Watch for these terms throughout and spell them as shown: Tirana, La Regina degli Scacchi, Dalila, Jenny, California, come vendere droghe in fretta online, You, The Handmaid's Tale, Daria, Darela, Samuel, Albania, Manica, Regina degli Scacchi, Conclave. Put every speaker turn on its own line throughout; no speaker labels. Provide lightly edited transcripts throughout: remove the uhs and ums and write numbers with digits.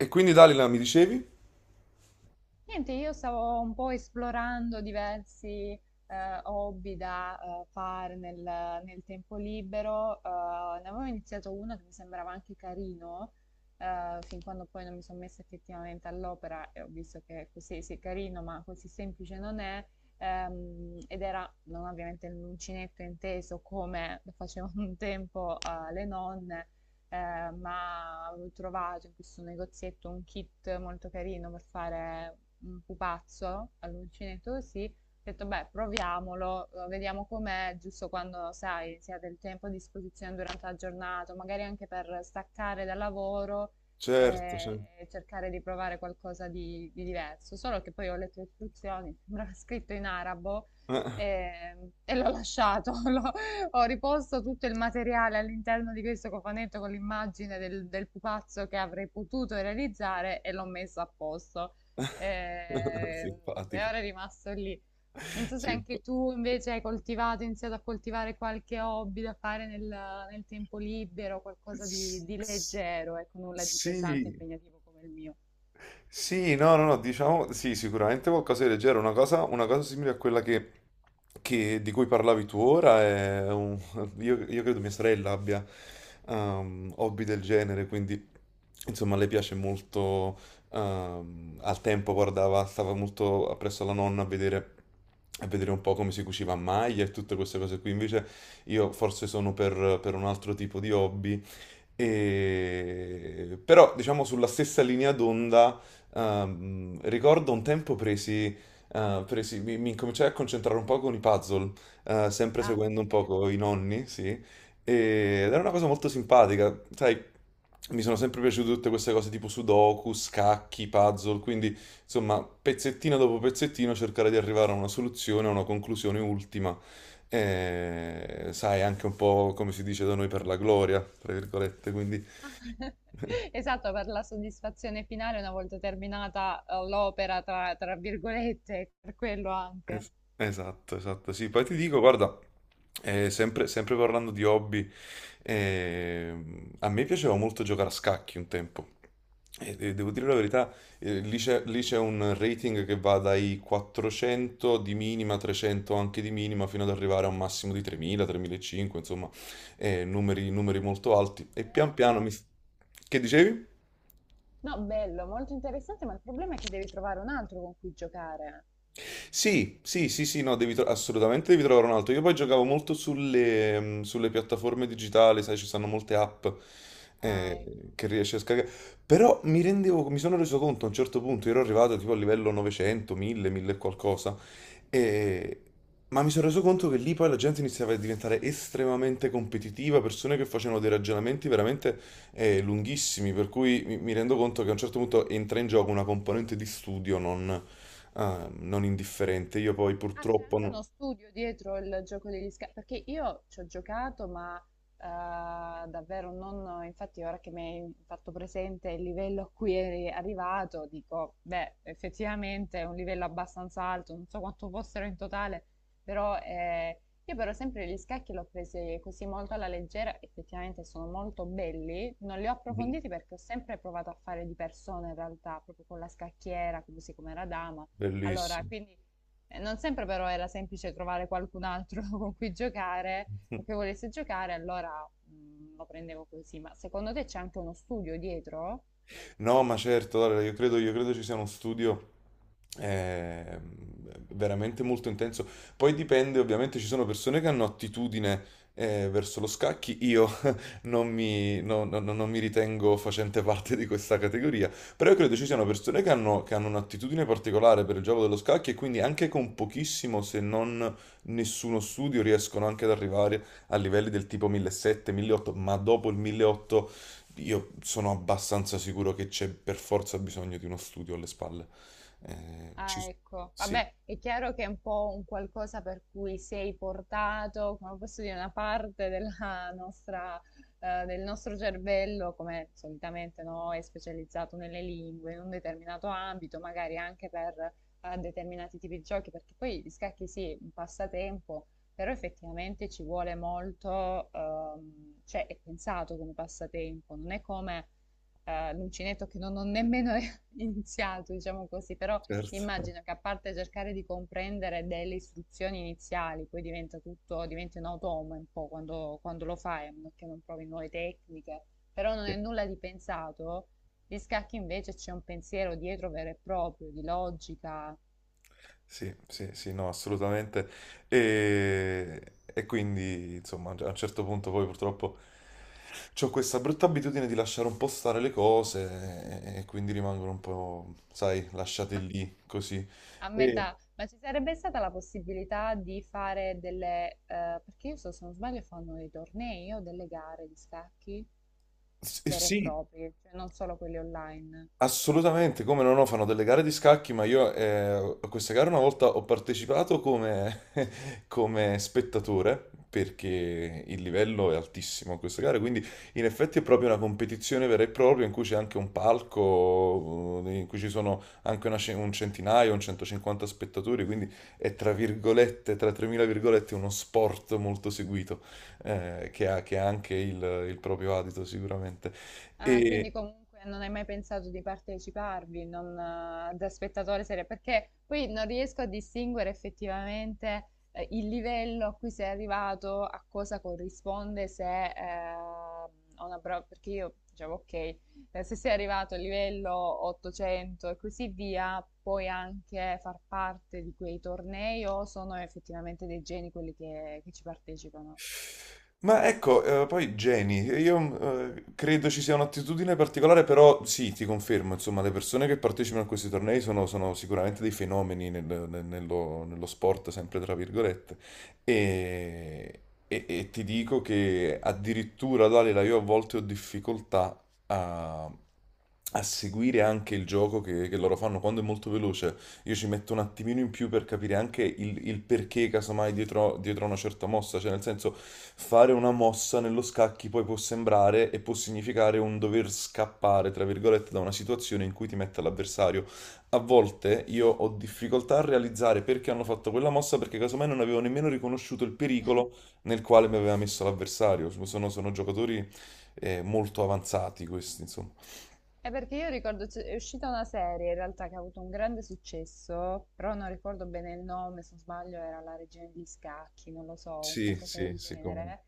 E quindi Dalila, mi dicevi?
Niente, Io stavo un po' esplorando diversi eh, hobby da fare nel tempo libero. Ne avevo iniziato uno che mi sembrava anche carino, fin quando poi non mi sono messa effettivamente all'opera e ho visto che così sì, è carino, ma così semplice non è. Ed era non ovviamente l'uncinetto inteso come lo facevano un tempo le nonne, ma avevo trovato in questo negozietto un kit molto carino per fare un pupazzo all'uncinetto così. Ho detto, beh, proviamolo, vediamo com'è, giusto quando, sai, si ha del tempo a disposizione durante la giornata, magari anche per staccare dal lavoro
Certo, certo.
e cercare di provare qualcosa di diverso. Solo che poi ho letto le istruzioni, sembrava scritto in arabo
Eh,
e l'ho lasciato, l'ho ho riposto tutto il materiale all'interno di questo cofanetto con l'immagine del pupazzo che avrei potuto realizzare e l'ho messo a posto. Eh, e
Simpatica.
ora è rimasto lì. Non so se anche
Simpa-
tu invece hai coltivato, iniziato a coltivare qualche hobby da fare nel tempo libero, qualcosa
s-
di
s-
leggero, ecco, nulla di
Sì.
pesante e impegnativo come il mio.
Sì, no, no, no, diciamo, sì, sicuramente qualcosa di leggero, una cosa simile a quella che, di cui parlavi tu ora, io credo mia sorella abbia hobby del genere, quindi insomma le piace molto. Al tempo guardava, stava molto appresso alla nonna a vedere un po' come si cuciva a maglia e tutte queste cose qui. Invece io forse sono per un altro tipo di hobby. Però, diciamo, sulla stessa linea d'onda, ricordo un tempo mi incominciai a concentrare un po' con i puzzle, sempre
Ah,
seguendo un
ok.
poco i nonni, sì. Ed era una cosa molto simpatica, sai, mi sono sempre piaciute tutte queste cose tipo sudoku, scacchi, puzzle, quindi, insomma, pezzettino dopo pezzettino cercare di arrivare a una soluzione, a una conclusione ultima. Sai, anche un po' come si dice da noi per la gloria, tra virgolette, quindi...
Esatto, per la soddisfazione finale una volta terminata l'opera, tra virgolette, per quello anche.
Es- esatto, esatto, sì. Poi ti dico, guarda, sempre, sempre parlando di hobby, a me piaceva molto giocare a scacchi un tempo. E devo dire la verità. Lì c'è lì c'è un rating che va dai 400 di minima, 300 anche di minima, fino ad arrivare a un massimo di 3000, 3500, insomma, numeri, numeri molto alti. E pian piano mi...
Bello.
Che dicevi?
No, bello, molto interessante, ma il problema è che devi trovare un altro con cui giocare.
Sì, sì, sì, sì, no, devi assolutamente devi trovare un altro. Io poi giocavo molto sulle, sulle piattaforme digitali, sai, ci sono molte app
Ah, ecco.
che riesci a scaricare. Però mi sono reso conto a un certo punto, ero arrivato tipo a livello 900, 1000, 1000 e qualcosa. E- Ma mi sono reso conto che lì poi la gente iniziava a diventare estremamente competitiva, persone che facevano dei ragionamenti veramente lunghissimi, per cui mi rendo conto che a un certo punto entra in gioco una componente di studio non indifferente. Io poi
Ah, c'è
purtroppo...
anche uno studio dietro il gioco degli scafi, perché io ci ho giocato, ma davvero non, infatti ora che mi hai fatto presente il livello a cui eri arrivato, dico, beh, effettivamente è un livello abbastanza alto, non so quanto fossero in totale, però io per esempio gli scacchi l'ho presi così molto alla leggera, effettivamente sono molto belli, non li ho
Mhm.
approfonditi perché ho sempre provato a fare di persona in realtà, proprio con la scacchiera, così come era dama, allora
Bellissimo.
quindi... non sempre però era semplice trovare qualcun altro con cui giocare o che volesse giocare, allora lo prendevo così. Ma secondo te c'è anche uno studio dietro?
No, ma certo, Daria, io credo ci sia uno studio eh, veramente molto intenso. Poi dipende, ovviamente ci sono persone che hanno attitudine verso lo scacchi. Io non mi, no- no- no- non mi ritengo facente parte di questa categoria, però io credo ci siano persone che hanno un'attitudine particolare per il gioco dello scacchi e quindi anche con pochissimo, se non nessuno studio, riescono anche ad arrivare a livelli del tipo 1700, 1800, ma dopo il 1800 io sono abbastanza sicuro che c'è per forza bisogno di uno studio alle spalle. Ci...
Ah, ecco.
Sì,
Vabbè, è chiaro che è un po' un qualcosa per cui sei portato, come posso dire, una parte della nostra, del nostro cervello, come solitamente no, è specializzato nelle lingue, in un determinato ambito, magari anche per determinati tipi di giochi, perché poi gli scacchi sì, un passatempo, però effettivamente ci vuole molto, cioè è pensato come passatempo, non è come l'uncinetto che non ho nemmeno iniziato, diciamo così, però
certo.
immagino che a parte cercare di comprendere delle istruzioni iniziali, poi diventa tutto, diventi un automa un po' quando, quando lo fai, a meno che non provi nuove tecniche, però non è nulla di pensato. Gli scacchi invece c'è un pensiero dietro vero e proprio, di logica.
Sì, sì, sì, no, assolutamente. E quindi, insomma, a un certo punto poi purtroppo ho questa brutta abitudine di lasciare un po' stare le cose e quindi rimangono un po', sai, lasciate
Ma
lì, così.
a
E,
metà, ma ci sarebbe stata la possibilità di fare delle, perché io so, se non sbaglio fanno dei tornei o delle gare di scacchi
e
vere e
sì.
proprie, cioè non solo quelli online.
Assolutamente, come no, no, fanno delle gare di scacchi, ma io a questa gara una volta ho partecipato come, come spettatore, perché il livello è altissimo a questa gara, quindi in effetti è proprio una competizione vera e propria in cui c'è anche un palco, in cui ci sono anche una un centinaio, un 150 spettatori, quindi è tra virgolette, tra 3000 virgolette, uno sport molto seguito, che ha anche il proprio adito sicuramente.
Ah, quindi
E,
comunque non hai mai pensato di parteciparvi, non, da spettatore serio, perché poi non riesco a distinguere effettivamente il livello a cui sei arrivato, a cosa corrisponde se a una prova, perché io dicevo ok, se sei arrivato al livello 800 e così via, puoi anche far parte di quei tornei o sono effettivamente dei geni quelli che ci partecipano?
Ma ecco, poi Jenny, io credo ci sia un'attitudine particolare, però sì, ti confermo, insomma, le persone che partecipano a questi tornei sono, sono sicuramente dei fenomeni nello sport, sempre tra virgolette. e, e ti dico che addirittura, Dalila, io a volte ho difficoltà a, a seguire anche il gioco che loro fanno quando è molto veloce. Io ci metto un attimino in più per capire anche il perché, casomai, dietro, dietro a una certa mossa. Cioè, nel senso, fare una mossa nello scacchi poi può sembrare e può significare un dover scappare, tra virgolette, da una situazione in cui ti mette l'avversario. A volte io ho difficoltà a realizzare perché hanno fatto quella mossa, perché casomai non avevo nemmeno riconosciuto il pericolo nel quale mi aveva messo l'avversario. Sono, sono giocatori molto avanzati questi, insomma.
È perché io ricordo, è uscita una serie in realtà che ha avuto un grande successo, però non ricordo bene il nome, se non sbaglio era La Regina degli Scacchi, non lo so, un
Sì,
qualcosa
sì,
del
sì, come no.
genere.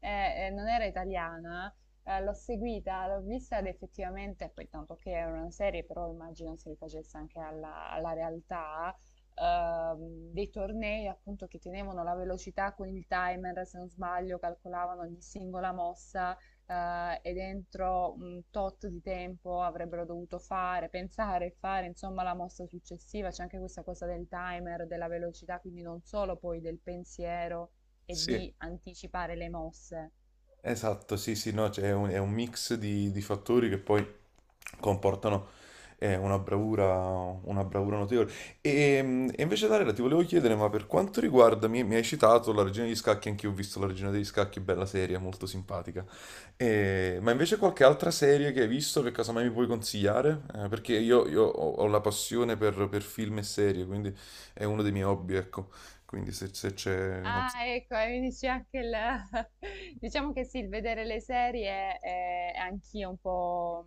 Non era italiana, l'ho seguita, l'ho vista ed effettivamente, poi tanto che era una serie, però immagino si rifacesse anche alla realtà, dei tornei appunto che tenevano la velocità con il timer, se non sbaglio, calcolavano ogni singola mossa e dentro un tot di tempo avrebbero dovuto fare, pensare e fare, insomma, la mossa successiva. C'è anche questa cosa del timer, della velocità, quindi non solo poi del pensiero e
Sì.
di anticipare le mosse.
Esatto, sì, sì, no, cioè è un mix di fattori che poi comportano eh, una bravura, una bravura notevole. E invece, Darela, ti volevo chiedere, ma per quanto riguarda, mi hai citato la Regina degli Scacchi, anch'io ho visto la Regina degli Scacchi, bella serie, molto simpatica. Ma invece qualche altra serie che hai visto che casomai mi puoi consigliare? Perché io ho, ho la passione per film e serie, quindi è uno dei miei hobby, ecco. Quindi se, se c'è... non
Ah,
so-
ecco, e mi dice anche il... Diciamo che sì, il vedere le serie è anch'io un po'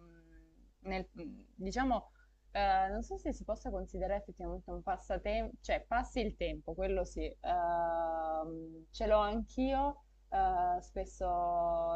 nel... diciamo, non so se si possa considerare effettivamente un passatempo, cioè passi il tempo, quello sì. Ce l'ho anch'io, spesso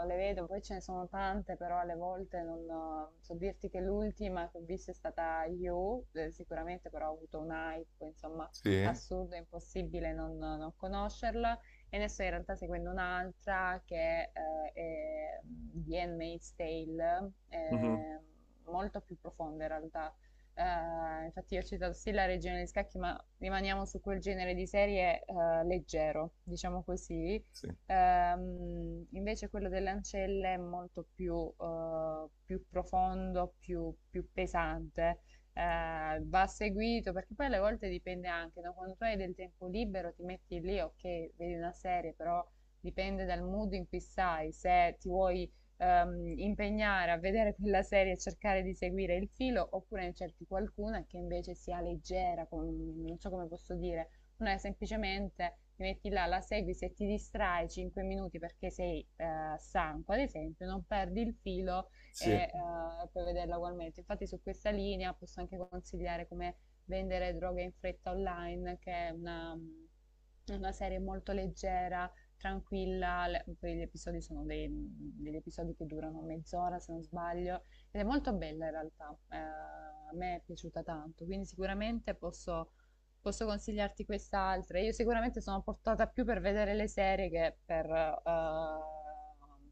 le vedo, poi ce ne sono tante, però alle volte non so dirti che l'ultima che ho visto è stata You, sicuramente però ho avuto un hype, insomma
Sì?
assurdo, è impossibile non conoscerla. E ne sto in realtà seguendo un'altra che è The Handmaid's Tale,
Mhm.
molto più profonda in realtà. Infatti io ho citato sì la Regina degli Scacchi, ma rimaniamo su quel genere di serie leggero, diciamo così.
Sì.
Invece quello delle ancelle è molto più, più profondo, più pesante va seguito, perché poi alle volte dipende anche, no? Quando tu hai del tempo libero ti metti lì, ok, vedi una serie, però dipende dal mood in cui stai, se ti vuoi impegnare a vedere quella serie e cercare di seguire il filo, oppure ne cerchi qualcuna che invece sia leggera, non so come posso dire, una è semplicemente ti metti là, la segui, se ti distrai 5 minuti perché sei stanco, ad esempio, non perdi il filo e
Sì.
puoi vederla ugualmente. Infatti su questa linea posso anche consigliare come vendere droghe in fretta online, che è una, mm, una serie molto leggera, tranquilla, poi gli episodi sono degli episodi che durano mezz'ora se non sbaglio, ed è molto bella in realtà, a me è piaciuta tanto, quindi sicuramente posso consigliarti quest'altra. Io sicuramente sono portata più per vedere le serie che per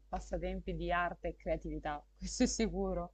passatempi di arte e creatività, questo è sicuro.